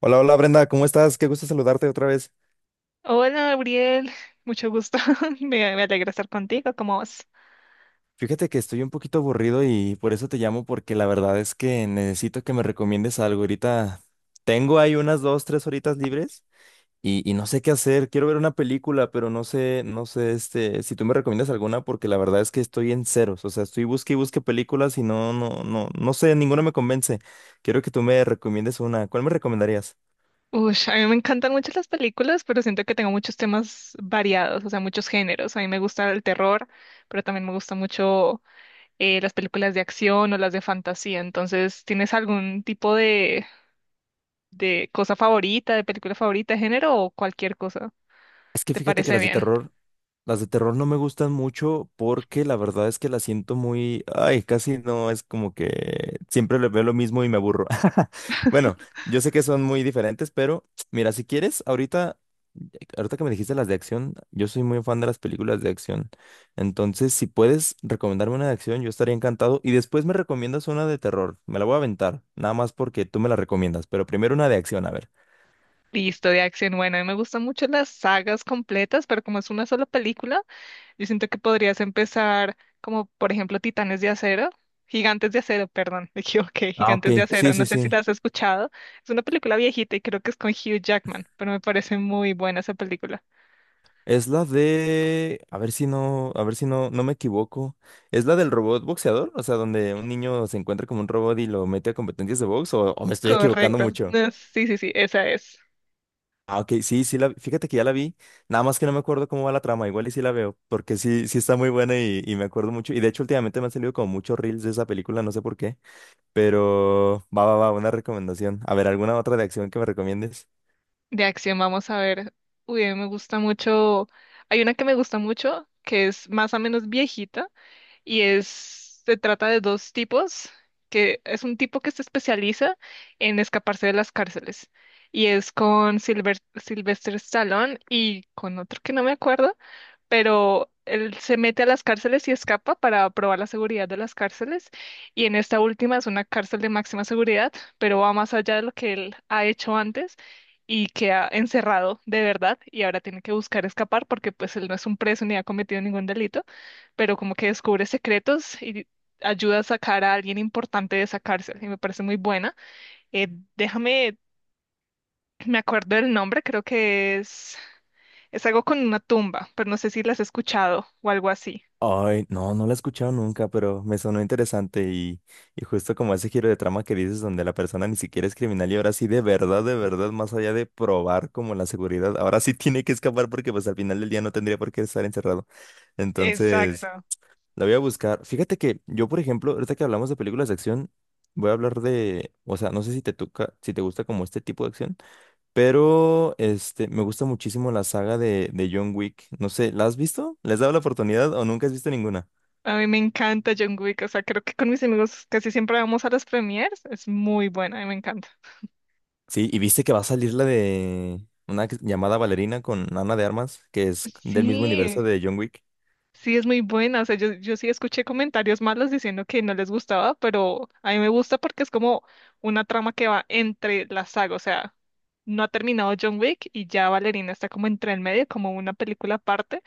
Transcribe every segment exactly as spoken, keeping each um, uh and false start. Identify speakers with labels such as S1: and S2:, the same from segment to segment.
S1: Hola, hola Brenda, ¿cómo estás? Qué gusto saludarte otra vez.
S2: Hola, Gabriel. Mucho gusto. Me, me alegra estar contigo. ¿Cómo vas?
S1: Fíjate que estoy un poquito aburrido y por eso te llamo porque la verdad es que necesito que me recomiendes algo. Ahorita tengo ahí unas dos, tres horitas libres y, y no sé qué hacer. Quiero ver una película, pero no sé, no sé, este, si tú me recomiendas alguna porque la verdad es que estoy en ceros. O sea, estoy busque y busque películas y no, no, no, no sé, ninguna me convence. Quiero que tú me recomiendes una. ¿Cuál me recomendarías?
S2: Ush, a mí me encantan mucho las películas, pero siento que tengo muchos temas variados, o sea, muchos géneros. A mí me gusta el terror, pero también me gusta mucho eh, las películas de acción o las de fantasía. Entonces, ¿tienes algún tipo de, de cosa favorita, de película favorita, de género o cualquier cosa?
S1: Es que
S2: ¿Te
S1: fíjate que
S2: parece
S1: las de
S2: bien?
S1: terror, las de terror no me gustan mucho porque la verdad es que las siento muy, ay, casi no, es como que siempre le veo lo mismo y me aburro. Bueno, yo sé que son muy diferentes, pero mira, si quieres, ahorita, ahorita que me dijiste las de acción, yo soy muy fan de las películas de acción. Entonces, si puedes recomendarme una de acción, yo estaría encantado. Y después me recomiendas una de terror. Me la voy a aventar, nada más porque tú me la recomiendas, pero primero una de acción, a ver.
S2: Listo, de acción. Bueno, a mí me gustan mucho las sagas completas, pero como es una sola película. Yo siento que podrías empezar como, por ejemplo, Titanes de Acero, Gigantes de Acero, perdón, me equivoqué,
S1: Ah, ok,
S2: Gigantes de
S1: sí,
S2: Acero, no
S1: sí,
S2: sé si
S1: sí.
S2: la has escuchado. Es una película viejita y creo que es con Hugh Jackman, pero me parece muy buena esa película.
S1: Es la de, a ver si no, a ver si no, no me equivoco. ¿Es la del robot boxeador? O sea, donde un niño se encuentra como un robot y lo mete a competencias de box, o, o me estoy equivocando
S2: Correcto.
S1: mucho.
S2: No, sí, sí, sí, esa es.
S1: Ah, ok, sí, sí la, fíjate que ya la vi. Nada más que no me acuerdo cómo va la trama, igual y sí la veo, porque sí, sí está muy buena y, y me acuerdo mucho. Y de hecho, últimamente me han salido como muchos reels de esa película, no sé por qué. Pero va, va, va, una recomendación. A ver, ¿alguna otra de acción que me recomiendes?
S2: De acción, vamos a ver. Uy, a mí me gusta mucho. Hay una que me gusta mucho, que es más o menos viejita, y es, se trata de dos tipos, que es un tipo que se especializa en escaparse de las cárceles y es con Silver, Sylvester Stallone y con otro que no me acuerdo, pero él se mete a las cárceles y escapa para probar la seguridad de las cárceles. Y en esta última es una cárcel de máxima seguridad, pero va más allá de lo que él ha hecho antes y queda encerrado de verdad y ahora tiene que buscar escapar porque pues él no es un preso ni ha cometido ningún delito, pero como que descubre secretos y ayuda a sacar a alguien importante de esa cárcel y me parece muy buena. Eh, déjame, me acuerdo del nombre, creo que es... Es algo con una tumba, pero no sé si las has escuchado o algo así.
S1: Ay, no, no la he escuchado nunca, pero me sonó interesante y, y justo como ese giro de trama que dices donde la persona ni siquiera es criminal y ahora sí de verdad, de verdad, más allá de probar como la seguridad, ahora sí tiene que escapar porque pues al final del día no tendría por qué estar encerrado. Entonces,
S2: Exacto.
S1: la voy a buscar. Fíjate que yo, por ejemplo, ahorita que hablamos de películas de acción, voy a hablar de, o sea, no sé si te toca, si te gusta como este tipo de acción, pero este, me gusta muchísimo la saga de, de John Wick. No sé, ¿la has visto? ¿Les has dado la oportunidad o nunca has visto ninguna?
S2: A mí me encanta John Wick, o sea, creo que con mis amigos casi siempre vamos a las premieres, es muy buena, a mí me encanta.
S1: Sí, y viste que va a salir la de una que- llamada Valerina con Ana de Armas, que es del mismo
S2: Sí,
S1: universo de John Wick.
S2: sí, es muy buena. O sea, yo, yo sí escuché comentarios malos diciendo que no les gustaba, pero a mí me gusta porque es como una trama que va entre la saga. O sea, no ha terminado John Wick y ya Valerina está como entre el medio, como una película aparte,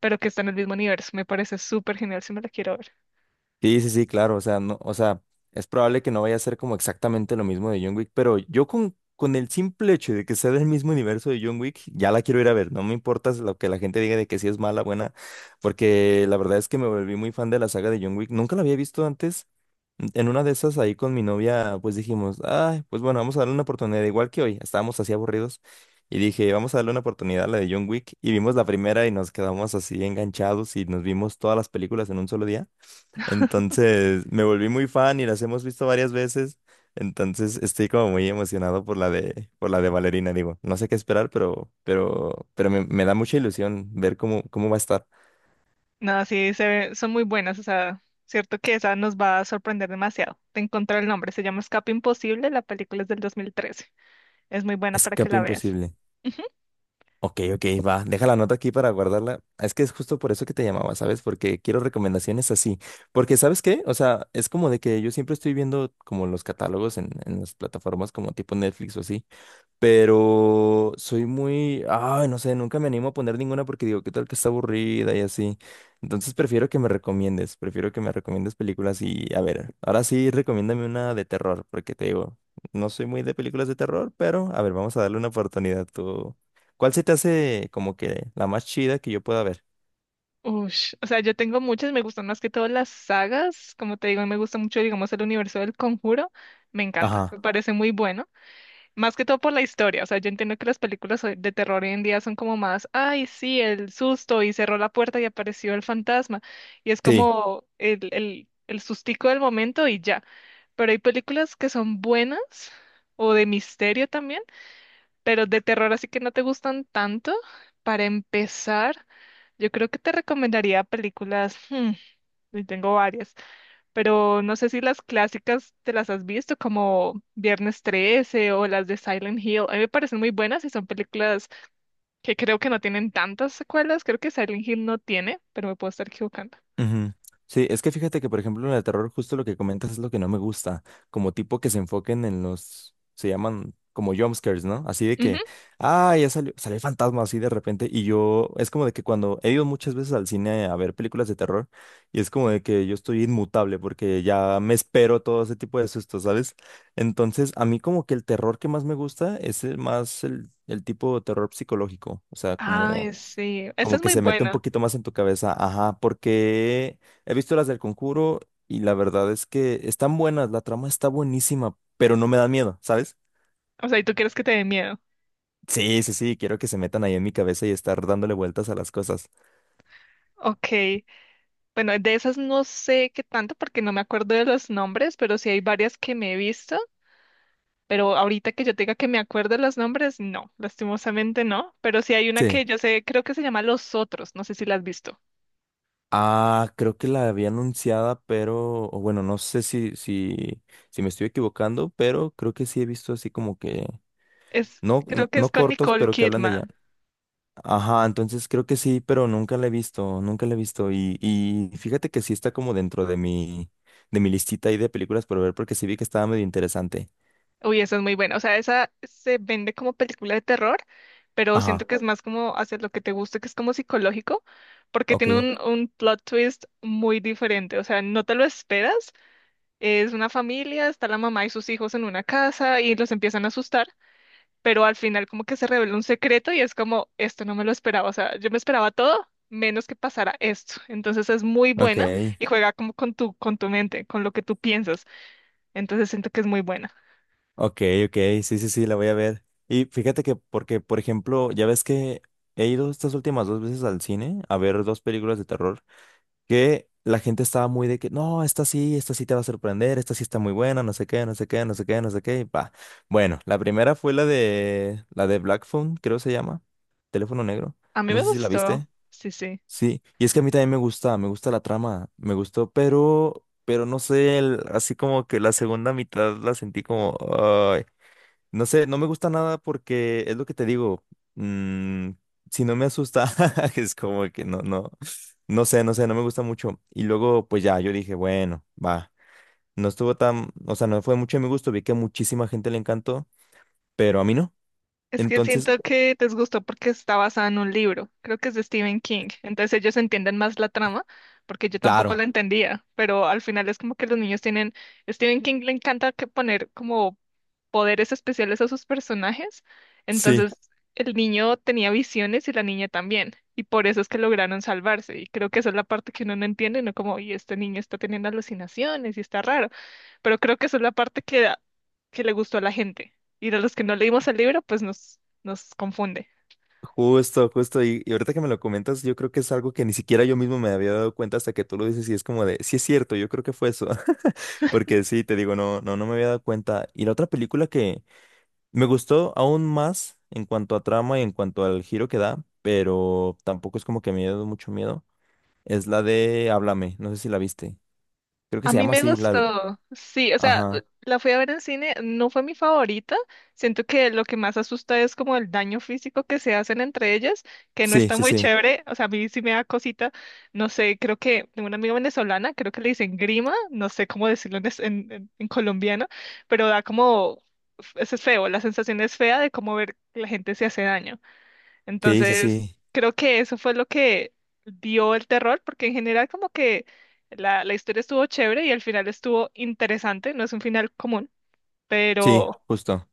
S2: pero que está en el mismo universo. Me parece súper genial si me la quiero ver.
S1: Sí, sí, sí, claro, o sea, no, o sea, es probable que no vaya a ser como exactamente lo mismo de John Wick, pero yo con, con el simple hecho de que sea del mismo universo de John Wick, ya la quiero ir a ver, no me importa lo que la gente diga de que sí es mala, buena, porque la verdad es que me volví muy fan de la saga de John Wick, nunca la había visto antes, en una de esas ahí con mi novia, pues dijimos, ay, pues bueno, vamos a darle una oportunidad, igual que hoy, estábamos así aburridos, y dije, vamos a darle una oportunidad a la de John Wick, y vimos la primera y nos quedamos así enganchados y nos vimos todas las películas en un solo día. Entonces me volví muy fan y las hemos visto varias veces. Entonces estoy como muy emocionado por la de, por la de Valerina, digo. No sé qué esperar, pero, pero, pero me, me da mucha ilusión ver cómo, cómo va a estar.
S2: No, sí, se ve- son muy buenas, o sea, cierto que esa nos va a sorprender demasiado. Te encontré el nombre, se llama Escape Imposible, la película es del dos mil trece. Es muy buena para que
S1: Escape
S2: la veas.
S1: imposible. Ok, ok, va. Deja la nota aquí para guardarla. Es que es justo por eso que te llamaba, ¿sabes? Porque quiero recomendaciones así. Porque, ¿sabes qué? O sea, es como de que yo siempre estoy viendo como los catálogos en, en las plataformas como tipo Netflix o así. Pero soy muy, ay, no sé, nunca me animo a poner ninguna porque digo, ¿qué tal que está aburrida y así? Entonces prefiero que me recomiendes, prefiero que me recomiendes películas y, a ver, ahora sí, recomiéndame una de terror, porque te digo, no soy muy de películas de terror, pero, a ver, vamos a darle una oportunidad. Tú, ¿cuál se te hace como que la más chida que yo pueda ver?
S2: Ush, o sea, yo tengo muchas, me gustan más que todas las sagas, como te digo, me gusta mucho, digamos, el universo del Conjuro, me encanta,
S1: Ajá.
S2: me parece muy bueno. Más que todo por la historia, o sea, yo entiendo que las películas hoy- de terror hoy en día son como más, ay, sí, el susto y cerró la puerta y apareció el fantasma y es
S1: Sí.
S2: como el, el, el sustico del momento y ya. Pero hay películas que son buenas o de misterio también, pero de terror así que no te gustan tanto. Para empezar, yo creo que te recomendaría películas, hmm, y tengo varias, pero no sé si las clásicas te las has visto, como Viernes trece o las de Silent Hill. A mí me parecen muy buenas y son películas que creo que no tienen tantas secuelas. Creo que Silent Hill no tiene, pero me puedo estar equivocando.
S1: Ujú. Sí, es que fíjate que, por ejemplo, en el terror, justo lo que comentas es lo que no me gusta, como tipo que se enfoquen en los, se llaman como jumpscares, ¿no? Así de
S2: Ujú.
S1: que, ah, ya salió, salió el fantasma así de repente, y yo, es como de que cuando he ido muchas veces al cine a ver películas de terror, y es como de que yo estoy inmutable porque ya me espero todo ese tipo de sustos, ¿sabes? Entonces, a mí como que el terror que más me gusta es el más el, el tipo de terror psicológico, o sea,
S2: Ay,
S1: como
S2: sí, esa
S1: como
S2: es
S1: que
S2: muy
S1: se mete un
S2: buena.
S1: poquito más en tu cabeza, ajá, porque he visto las del Conjuro y la verdad es que están buenas, la trama está buenísima, pero no me da miedo, ¿sabes?
S2: O sea, ¿y tú quieres que te dé miedo?
S1: Sí, sí, sí, quiero que se metan ahí en mi cabeza y estar dándole vueltas a las cosas.
S2: Ok, bueno, de esas no sé qué tanto porque no me acuerdo de los nombres, pero sí hay varias que me he visto. Pero ahorita que yo tenga que me acuerde los nombres, no, lastimosamente no. Pero sí hay una
S1: Sí.
S2: que yo sé, creo que se llama Los Otros, no sé si la has visto.
S1: Ah, creo que la había anunciada, pero, o bueno, no sé si, si, si me estoy equivocando, pero creo que sí he visto así como que,
S2: Es,
S1: no, n-
S2: creo que es
S1: no
S2: con
S1: cortos,
S2: Nicole
S1: pero que hablan de ella.
S2: Kidman.
S1: Ajá, entonces creo que sí, pero nunca la he visto, nunca la he visto. Y, y fíjate que sí está como dentro de mi, de mi listita ahí de películas por ver, porque sí vi que estaba medio interesante.
S2: Uy, esa es muy buena. O sea, esa se vende como película de terror, pero siento
S1: Ajá,
S2: que es más como hacer lo que te guste, que es como psicológico, porque
S1: ok,
S2: tiene un, un plot twist muy diferente. O sea, no te lo esperas. Es una familia, está la mamá y sus hijos en una casa y los empiezan a asustar, pero al final como que se revela un secreto y es como, esto no me lo esperaba, o sea, yo me esperaba todo menos que pasara esto. Entonces es muy
S1: ok,
S2: buena y juega como con tu, con tu mente, con lo que tú piensas. Entonces siento que es muy buena.
S1: ok, ok, sí, sí, sí, la voy a ver. Y fíjate que, porque, por ejemplo, ya ves que he ido estas últimas dos veces al cine a ver dos películas de terror. Que la gente estaba muy de que, no, esta sí, esta sí te va a sorprender, esta sí está muy buena, no sé qué, no sé qué, no sé qué, no sé qué, y pa. Bueno, la primera fue la de, la de Black Phone, creo se llama, teléfono negro,
S2: A mí
S1: no
S2: me
S1: sé si la
S2: gustó,
S1: viste,
S2: sí, sí.
S1: sí, y es que a mí también me gusta, me gusta la trama, me gustó, pero, pero no sé, el- así como que la segunda mitad la sentí como, no sé, no me gusta nada porque es lo que te digo. mm, si no me asusta, es como que no, no, no sé, no sé, no me gusta mucho. Y luego, pues ya, yo dije, bueno, va. No estuvo tan, o sea, no fue mucho de mi gusto. Vi que a muchísima gente le encantó, pero a mí no.
S2: Es que
S1: Entonces,
S2: siento que les gustó porque está basada en un libro, creo que es de Stephen King. Entonces ellos entienden más la trama, porque yo tampoco la
S1: claro,
S2: entendía, pero al final es como que los niños tienen, Stephen King le encanta que poner como poderes especiales a sus personajes.
S1: sí,
S2: Entonces, el niño tenía visiones y la niña también. Y por eso es que lograron salvarse. Y creo que esa es la parte que uno no entiende, no como, y este niño está teniendo alucinaciones y está raro. Pero creo que esa es la parte que, que le gustó a la gente. Y a los que no leímos el libro, pues nos, nos confunde.
S1: justo, justo. Y, y ahorita que me lo comentas, yo creo que es algo que ni siquiera yo mismo me había dado cuenta hasta que tú lo dices y es como de, sí es cierto, yo creo que fue eso. Porque sí, te digo, no, no, no me había dado cuenta. Y la otra película que me gustó aún más en cuanto a trama y en cuanto al giro que da, pero tampoco es como que me dio mucho miedo. Es la de Háblame, no sé si la viste. Creo que
S2: A
S1: se
S2: mí
S1: llama
S2: me
S1: así, la de...
S2: gustó, sí, o sea,
S1: Ajá.
S2: la fui a ver en cine, no fue mi favorita, siento que lo que más asusta es como el daño físico que se hacen entre ellas, que no
S1: Sí,
S2: está
S1: sí,
S2: muy
S1: sí.
S2: chévere, o sea, a mí sí me da cosita, no sé, creo que tengo una amiga venezolana, creo que le dicen grima, no sé cómo decirlo en, es- en- en- en colombiano, pero da como, eso es feo, la sensación es fea de cómo ver que la gente se hace daño.
S1: Sí, sí,
S2: Entonces,
S1: sí.
S2: creo que eso fue lo que dio el terror, porque en general como que la, la historia estuvo chévere y al final estuvo interesante, no es un final común,
S1: Sí,
S2: pero,
S1: justo.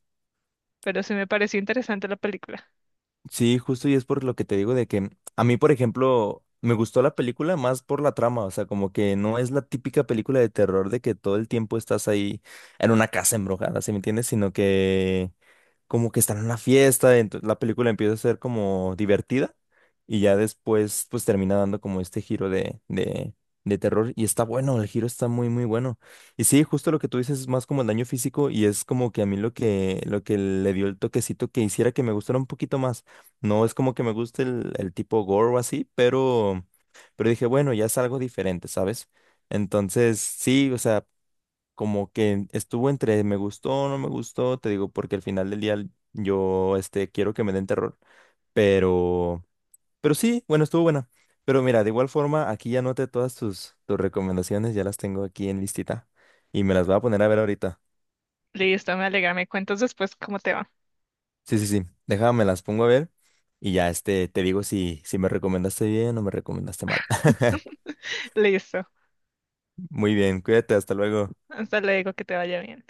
S2: pero sí me pareció interesante la película.
S1: Sí, justo y es por lo que te digo de que a mí, por ejemplo, me gustó la película más por la trama, o sea, como que no es la típica película de terror de que todo el tiempo estás ahí en una casa embrujada, ¿sí me entiendes? Sino que como que están en una fiesta, entonces la película empieza a ser como divertida y ya después pues termina dando como este giro de, de, de terror y está bueno, el giro está muy muy bueno. Y sí, justo lo que tú dices es más como el daño físico y es como que a mí lo que, lo que le dio el toquecito que hiciera que me gustara un poquito más. No es como que me guste el, el tipo gore o así, pero, pero dije, bueno, ya es algo diferente, ¿sabes? Entonces, sí, o sea, como que estuvo entre me gustó, no me gustó, te digo, porque al final del día yo, este, quiero que me den terror, pero, pero sí, bueno, estuvo buena. Pero mira, de igual forma, aquí ya anoté todas tus, tus recomendaciones, ya las tengo aquí en listita y me las voy a poner a ver ahorita.
S2: Listo, me alegra, me cuentas después cómo te va.
S1: Sí, sí, sí, déjame, las pongo a ver y ya, este, te digo si, si me recomendaste bien o me recomendaste mal.
S2: Listo,
S1: Muy bien, cuídate, hasta luego.
S2: hasta luego, que te vaya bien.